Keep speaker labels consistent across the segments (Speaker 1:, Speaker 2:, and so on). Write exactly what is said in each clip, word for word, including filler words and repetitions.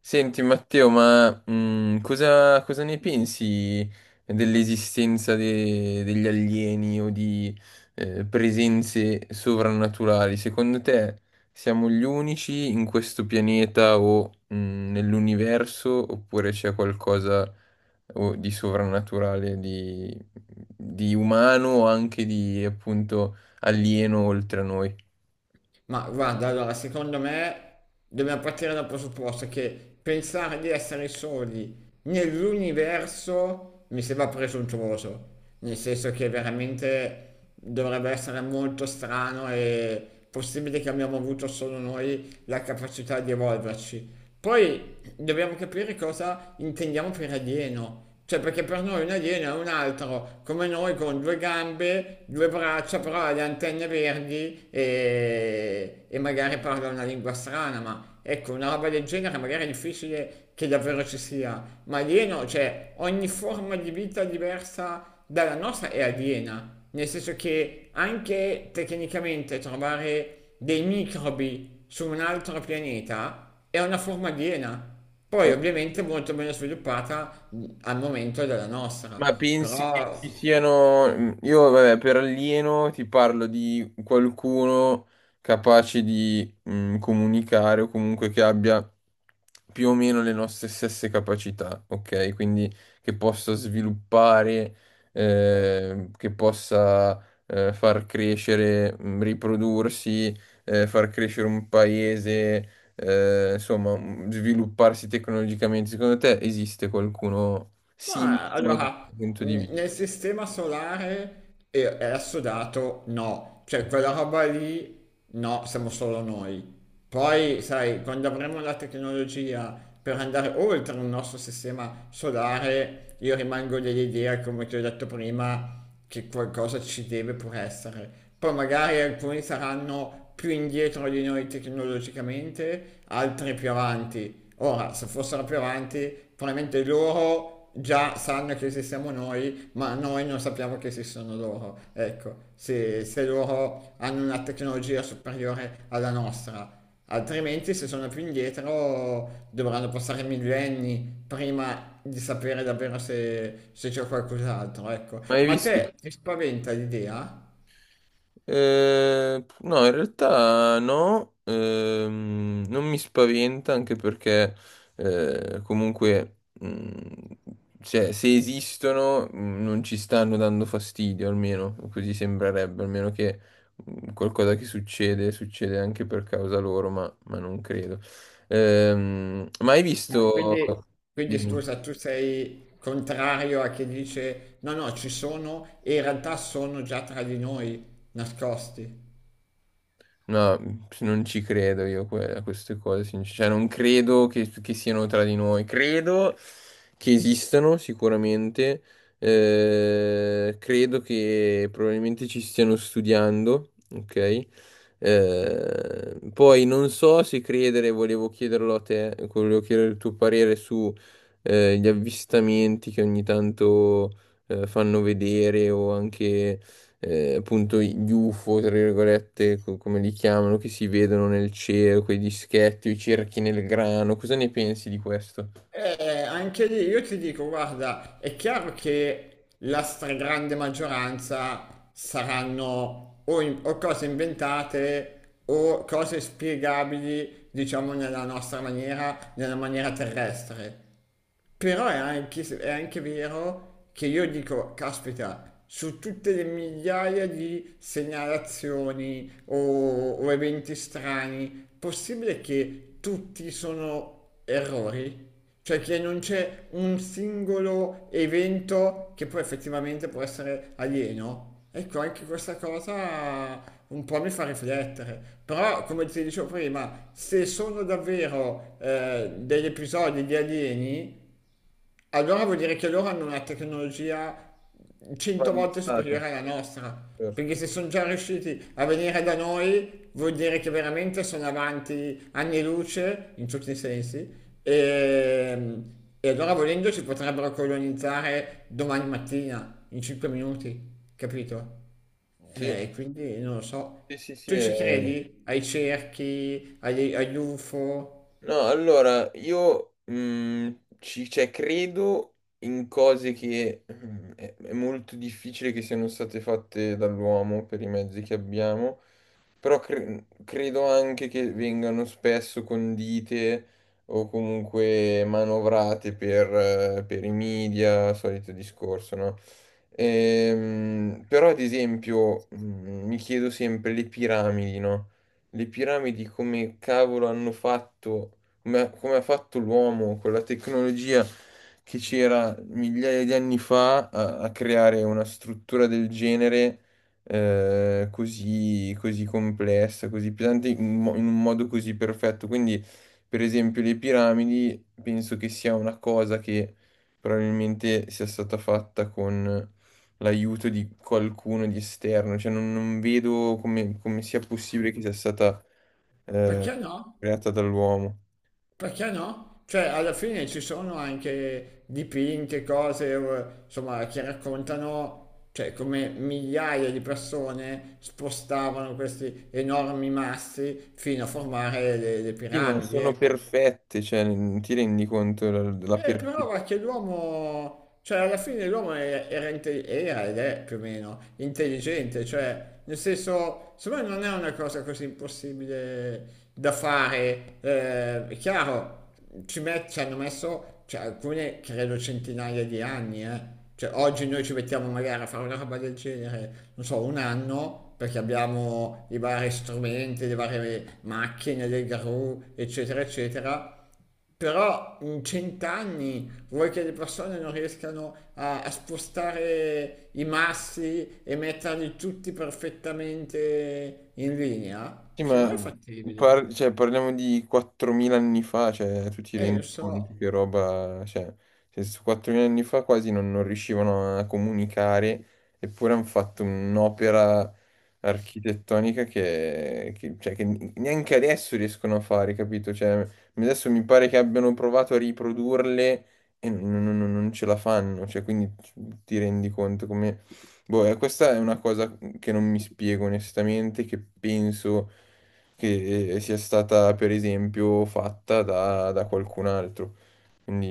Speaker 1: Senti Matteo, ma mm, cosa, cosa ne pensi dell'esistenza de- degli alieni o di eh, presenze sovrannaturali? Secondo te siamo gli unici in questo pianeta o mm, nell'universo, oppure c'è qualcosa o di sovrannaturale, di, di umano o anche di appunto alieno oltre a noi?
Speaker 2: Ma guarda, allora, secondo me dobbiamo partire dal presupposto che pensare di essere soli nell'universo mi sembra presuntuoso, nel senso che veramente dovrebbe essere molto strano e possibile che abbiamo avuto solo noi la capacità di evolverci. Poi dobbiamo capire cosa intendiamo per alieno. Cioè, perché per noi un alieno è un altro, come noi con due gambe, due braccia, però ha le antenne verdi e, e magari parla una lingua strana, ma ecco, una roba del genere magari è difficile che davvero ci sia. Ma alieno, cioè, ogni forma di vita diversa dalla nostra è aliena, nel senso che anche tecnicamente trovare dei microbi su un altro pianeta è una forma aliena, poi
Speaker 1: Cioè,
Speaker 2: ovviamente molto meno sviluppata mm, al momento della nostra,
Speaker 1: ma pensi che
Speaker 2: però.
Speaker 1: ci siano... Io, vabbè, per alieno ti parlo di qualcuno capace di mm, comunicare, o comunque che abbia più o meno le nostre stesse capacità, ok? Quindi che possa sviluppare, eh, che possa eh, far crescere, mm, riprodursi, eh, far crescere un paese, eh, insomma, mm, svilupparsi tecnologicamente. Secondo te esiste qualcuno
Speaker 2: Ma
Speaker 1: simulano da
Speaker 2: allora,
Speaker 1: questo punto di
Speaker 2: mh,
Speaker 1: vista.
Speaker 2: nel sistema solare è, è assodato, no, cioè quella roba lì no, siamo solo noi. Poi, sai, quando avremo la tecnologia per andare oltre il nostro sistema solare, io rimango dell'idea, come ti ho detto prima, che qualcosa ci deve pur essere. Poi magari alcuni saranno più indietro di noi tecnologicamente, altri più avanti. Ora, se fossero più avanti, probabilmente loro già sanno che esistiamo noi, ma noi non sappiamo che esistono loro. Ecco, se, se loro hanno una tecnologia superiore alla nostra. Altrimenti, se sono più indietro, dovranno passare millenni prima di sapere davvero se, se c'è qualcos'altro, ecco.
Speaker 1: Ma hai
Speaker 2: Ma
Speaker 1: visto?
Speaker 2: te ti spaventa l'idea?
Speaker 1: Eh, no, in realtà no, ehm, non mi spaventa, anche perché eh, comunque, mh, cioè, se esistono, mh, non ci stanno dando fastidio, almeno così sembrerebbe, almeno che mh, qualcosa che succede succede anche per causa loro, ma, ma non credo. Ehm, ma hai
Speaker 2: Ma
Speaker 1: visto...
Speaker 2: Quindi, quindi
Speaker 1: Dimmi.
Speaker 2: scusa, tu sei contrario a chi dice no, no, ci sono e in realtà sono già tra di noi nascosti.
Speaker 1: No, non ci credo io que- a queste cose, sincer- cioè non credo che, che siano tra di noi, credo che esistano sicuramente, eh, credo che probabilmente ci stiano studiando, ok? Eh, poi non so se credere, volevo chiederlo a te, volevo chiedere il tuo parere su eh, gli avvistamenti che ogni tanto eh, fanno vedere, o anche eh, appunto gli U F O, tra virgolette, co- come li chiamano, che si vedono nel cielo, quei dischetti, i cerchi nel grano. Cosa ne pensi di questo?
Speaker 2: Eh, anche lì io ti dico, guarda, è chiaro che la stragrande maggioranza saranno o, in- o cose inventate o cose spiegabili, diciamo, nella nostra maniera, nella maniera terrestre. Però è anche, è anche vero che io dico, caspita, su tutte le migliaia di segnalazioni o, o eventi strani, possibile che tutti sono errori? Cioè che non c'è un singolo evento che poi effettivamente può essere alieno? Ecco, anche questa cosa un po' mi fa riflettere. Però, come ti dicevo prima, se sono davvero eh, degli episodi di alieni, allora vuol dire che loro hanno una tecnologia cento volte
Speaker 1: Avanzato.
Speaker 2: superiore alla nostra, perché
Speaker 1: Certo.
Speaker 2: se sono già riusciti a venire da noi vuol dire che veramente sono avanti anni luce in tutti i sensi e, e allora volendo ci potrebbero colonizzare domani mattina in cinque minuti, capito?
Speaker 1: Sì,
Speaker 2: Eh, E quindi non lo so.
Speaker 1: sì, sì, sì,
Speaker 2: Tu ci
Speaker 1: è...
Speaker 2: credi ai cerchi, agli, agli U F O?
Speaker 1: No, allora, io mm, ci, cioè, credo in cose che mm, è, è molto difficile che siano state fatte dall'uomo per i mezzi che abbiamo. Però cre- credo anche che vengano spesso condite o comunque manovrate per, eh, per i media, solito discorso, no? Ehm, però, ad esempio, mm, mi chiedo sempre le piramidi, no? Le piramidi, come cavolo hanno fatto, come ha, come ha fatto l'uomo con la tecnologia che c'era migliaia di anni fa a, a creare una struttura del genere, eh, così, così complessa, così pesante, in, mo- in un modo così perfetto. Quindi, per esempio, le piramidi penso che sia una cosa che probabilmente sia stata fatta con l'aiuto di qualcuno di esterno, cioè non, non vedo come, come sia possibile che sia stata eh,
Speaker 2: Perché no?
Speaker 1: creata dall'uomo.
Speaker 2: Perché no? Cioè, alla fine ci sono anche dipinti, cose, eh, insomma, che raccontano, cioè, come migliaia di persone spostavano questi enormi massi fino a formare le, le
Speaker 1: Sì, ma
Speaker 2: piramidi,
Speaker 1: sono
Speaker 2: ecco.
Speaker 1: perfette, cioè, non ti rendi conto della, della
Speaker 2: Eh, però perché
Speaker 1: perfettissima...
Speaker 2: l'uomo, cioè alla fine l'uomo è- era, inte- era ed è più o meno intelligente, cioè nel senso, secondo me non è una cosa così impossibile da fare. Eh, è chiaro, ci, met- ci hanno messo, cioè, alcune credo centinaia di anni, eh. Cioè oggi noi ci mettiamo magari a fare una roba del genere, non so, un anno, perché abbiamo i vari strumenti, le varie macchine, le gru, eccetera, eccetera. Però in cent'anni vuoi che le persone non riescano a, a spostare i massi e metterli tutti perfettamente in linea? Secondo me è fattibile.
Speaker 1: par- Cioè, parliamo di quattromila anni fa, cioè, tu ti
Speaker 2: Eh, lo
Speaker 1: rendi conto
Speaker 2: so.
Speaker 1: che roba... Cioè, cioè, su quattromila anni fa quasi non, non riuscivano a comunicare, eppure hanno fatto un'opera architettonica che, che- cioè, che neanche adesso riescono a fare, capito? Cioè, adesso mi pare che abbiano provato a riprodurle e non, non- non- non ce la fanno, cioè, quindi ti rendi conto. Boh, eh, questa è una cosa, mhmm, che non mi spiego onestamente, che penso che eh, sia stata per esempio fatta da, da qualcun altro.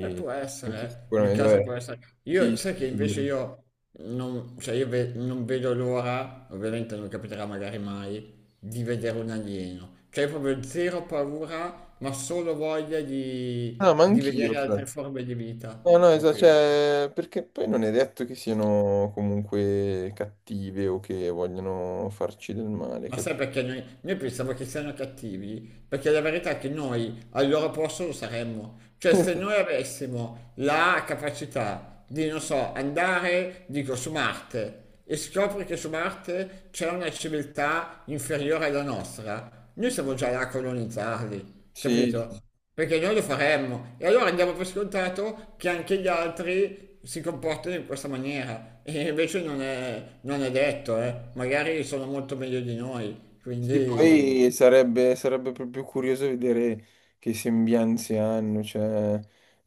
Speaker 2: Eh, può
Speaker 1: questo
Speaker 2: essere, nel
Speaker 1: sicuramente,
Speaker 2: caso può
Speaker 1: vabbè.
Speaker 2: essere. Io,
Speaker 1: Chi
Speaker 2: sai che invece io non, cioè io ve- non vedo l'ora, ovviamente non capiterà magari mai, di vedere un alieno. Cioè io proprio zero paura, ma solo voglia
Speaker 1: No,
Speaker 2: di,
Speaker 1: ma
Speaker 2: di
Speaker 1: anch'io.
Speaker 2: vedere
Speaker 1: Fra.
Speaker 2: altre forme di vita.
Speaker 1: No, no, esatto,
Speaker 2: Proprio.
Speaker 1: cioè, perché poi non è detto che siano comunque cattive o che vogliano farci del male,
Speaker 2: Ma sai
Speaker 1: capito?
Speaker 2: perché noi, noi pensiamo che siano cattivi? Perché la verità è che noi al loro posto lo saremmo. Cioè, se noi avessimo la capacità di, non so, andare, dico, su Marte e scopri che su Marte c'è una civiltà inferiore alla nostra, noi siamo già là a colonizzarli,
Speaker 1: Sì.
Speaker 2: capito? Perché noi lo faremmo e allora andiamo per scontato che anche gli altri si comportano in questa maniera e invece non è, non è detto, eh. Magari sono molto meglio di noi,
Speaker 1: Sì,
Speaker 2: quindi...
Speaker 1: poi sarebbe, sarebbe proprio curioso vedere che sembianze hanno, cioè,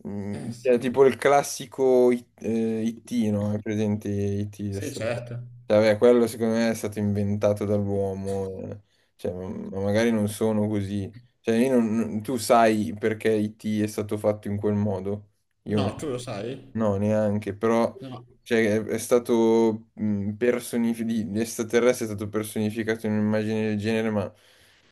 Speaker 1: mm,
Speaker 2: Eh
Speaker 1: cioè,
Speaker 2: sì,
Speaker 1: tipo il classico I- eh, I T, no? È presente I T? È
Speaker 2: sì
Speaker 1: stato- cioè,
Speaker 2: certo.
Speaker 1: vabbè, quello secondo me è stato inventato dall'uomo, eh. Cioè, ma ma magari non sono così. Cioè, io non- non- tu sai perché I T è stato fatto in quel modo? Io
Speaker 2: No,
Speaker 1: no,
Speaker 2: tu lo sai?
Speaker 1: no, neanche. Però
Speaker 2: No.
Speaker 1: cioè, è, è stato personificato, l'estraterrestre è stato personificato in un'immagine del genere, ma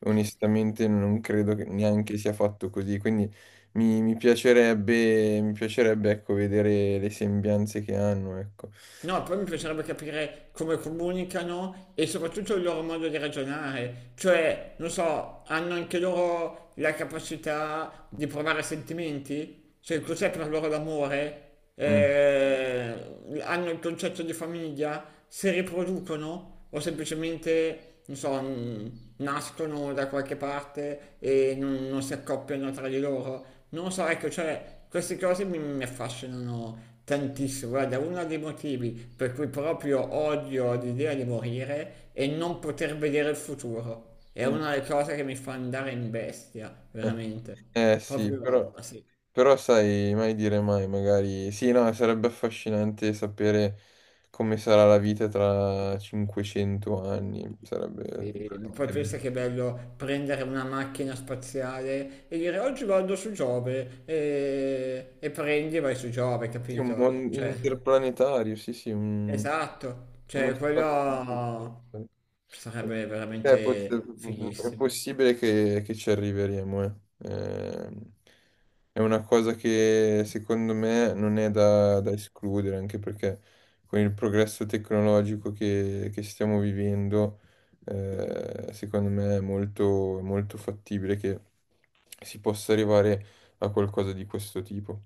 Speaker 1: onestamente non credo che neanche sia fatto così. Quindi mi, mi piacerebbe, mi piacerebbe, ecco, vedere le sembianze che hanno, ecco.
Speaker 2: No, poi mi piacerebbe capire come comunicano e soprattutto il loro modo di ragionare. Cioè, non so, hanno anche loro la capacità di provare sentimenti? Cioè, cos'è per loro l'amore?
Speaker 1: Mm,
Speaker 2: Eh, hanno il concetto di famiglia? Si riproducono? O semplicemente che, non so, n- nascono da qualche parte e non, non si accoppiano tra di loro. Non lo so, ecco, cioè, queste cose mi, mi affascinano tantissimo. Guarda, uno dei motivi per cui proprio odio l'idea di morire è non poter vedere il futuro. È
Speaker 1: mm.
Speaker 2: una delle cose che mi fa andare in bestia,
Speaker 1: Eh,
Speaker 2: veramente.
Speaker 1: eh, sì, però,
Speaker 2: Proprio, sì.
Speaker 1: però sai, mai dire mai, magari... Sì, no, sarebbe affascinante sapere come sarà la vita tra cinquecento anni, sarebbe
Speaker 2: Sì, ma poi
Speaker 1: veramente
Speaker 2: pensa
Speaker 1: bello.
Speaker 2: che è bello prendere una macchina spaziale e dire oggi vado su Giove e, e prendi e vai su Giove,
Speaker 1: Sì, un
Speaker 2: capito?
Speaker 1: buon
Speaker 2: Cioè,
Speaker 1: interplanetario, sì, sì, un-
Speaker 2: esatto,
Speaker 1: uno
Speaker 2: cioè
Speaker 1: spazio.
Speaker 2: quello sarebbe
Speaker 1: Eh, pot-
Speaker 2: veramente
Speaker 1: è
Speaker 2: fighissimo.
Speaker 1: possibile che, che ci arriveremo, eh. Ehm, è una cosa che secondo me non è da, da escludere, anche perché con il progresso tecnologico che, che stiamo vivendo, eh, secondo me è molto, molto fattibile che si possa arrivare a qualcosa di questo tipo.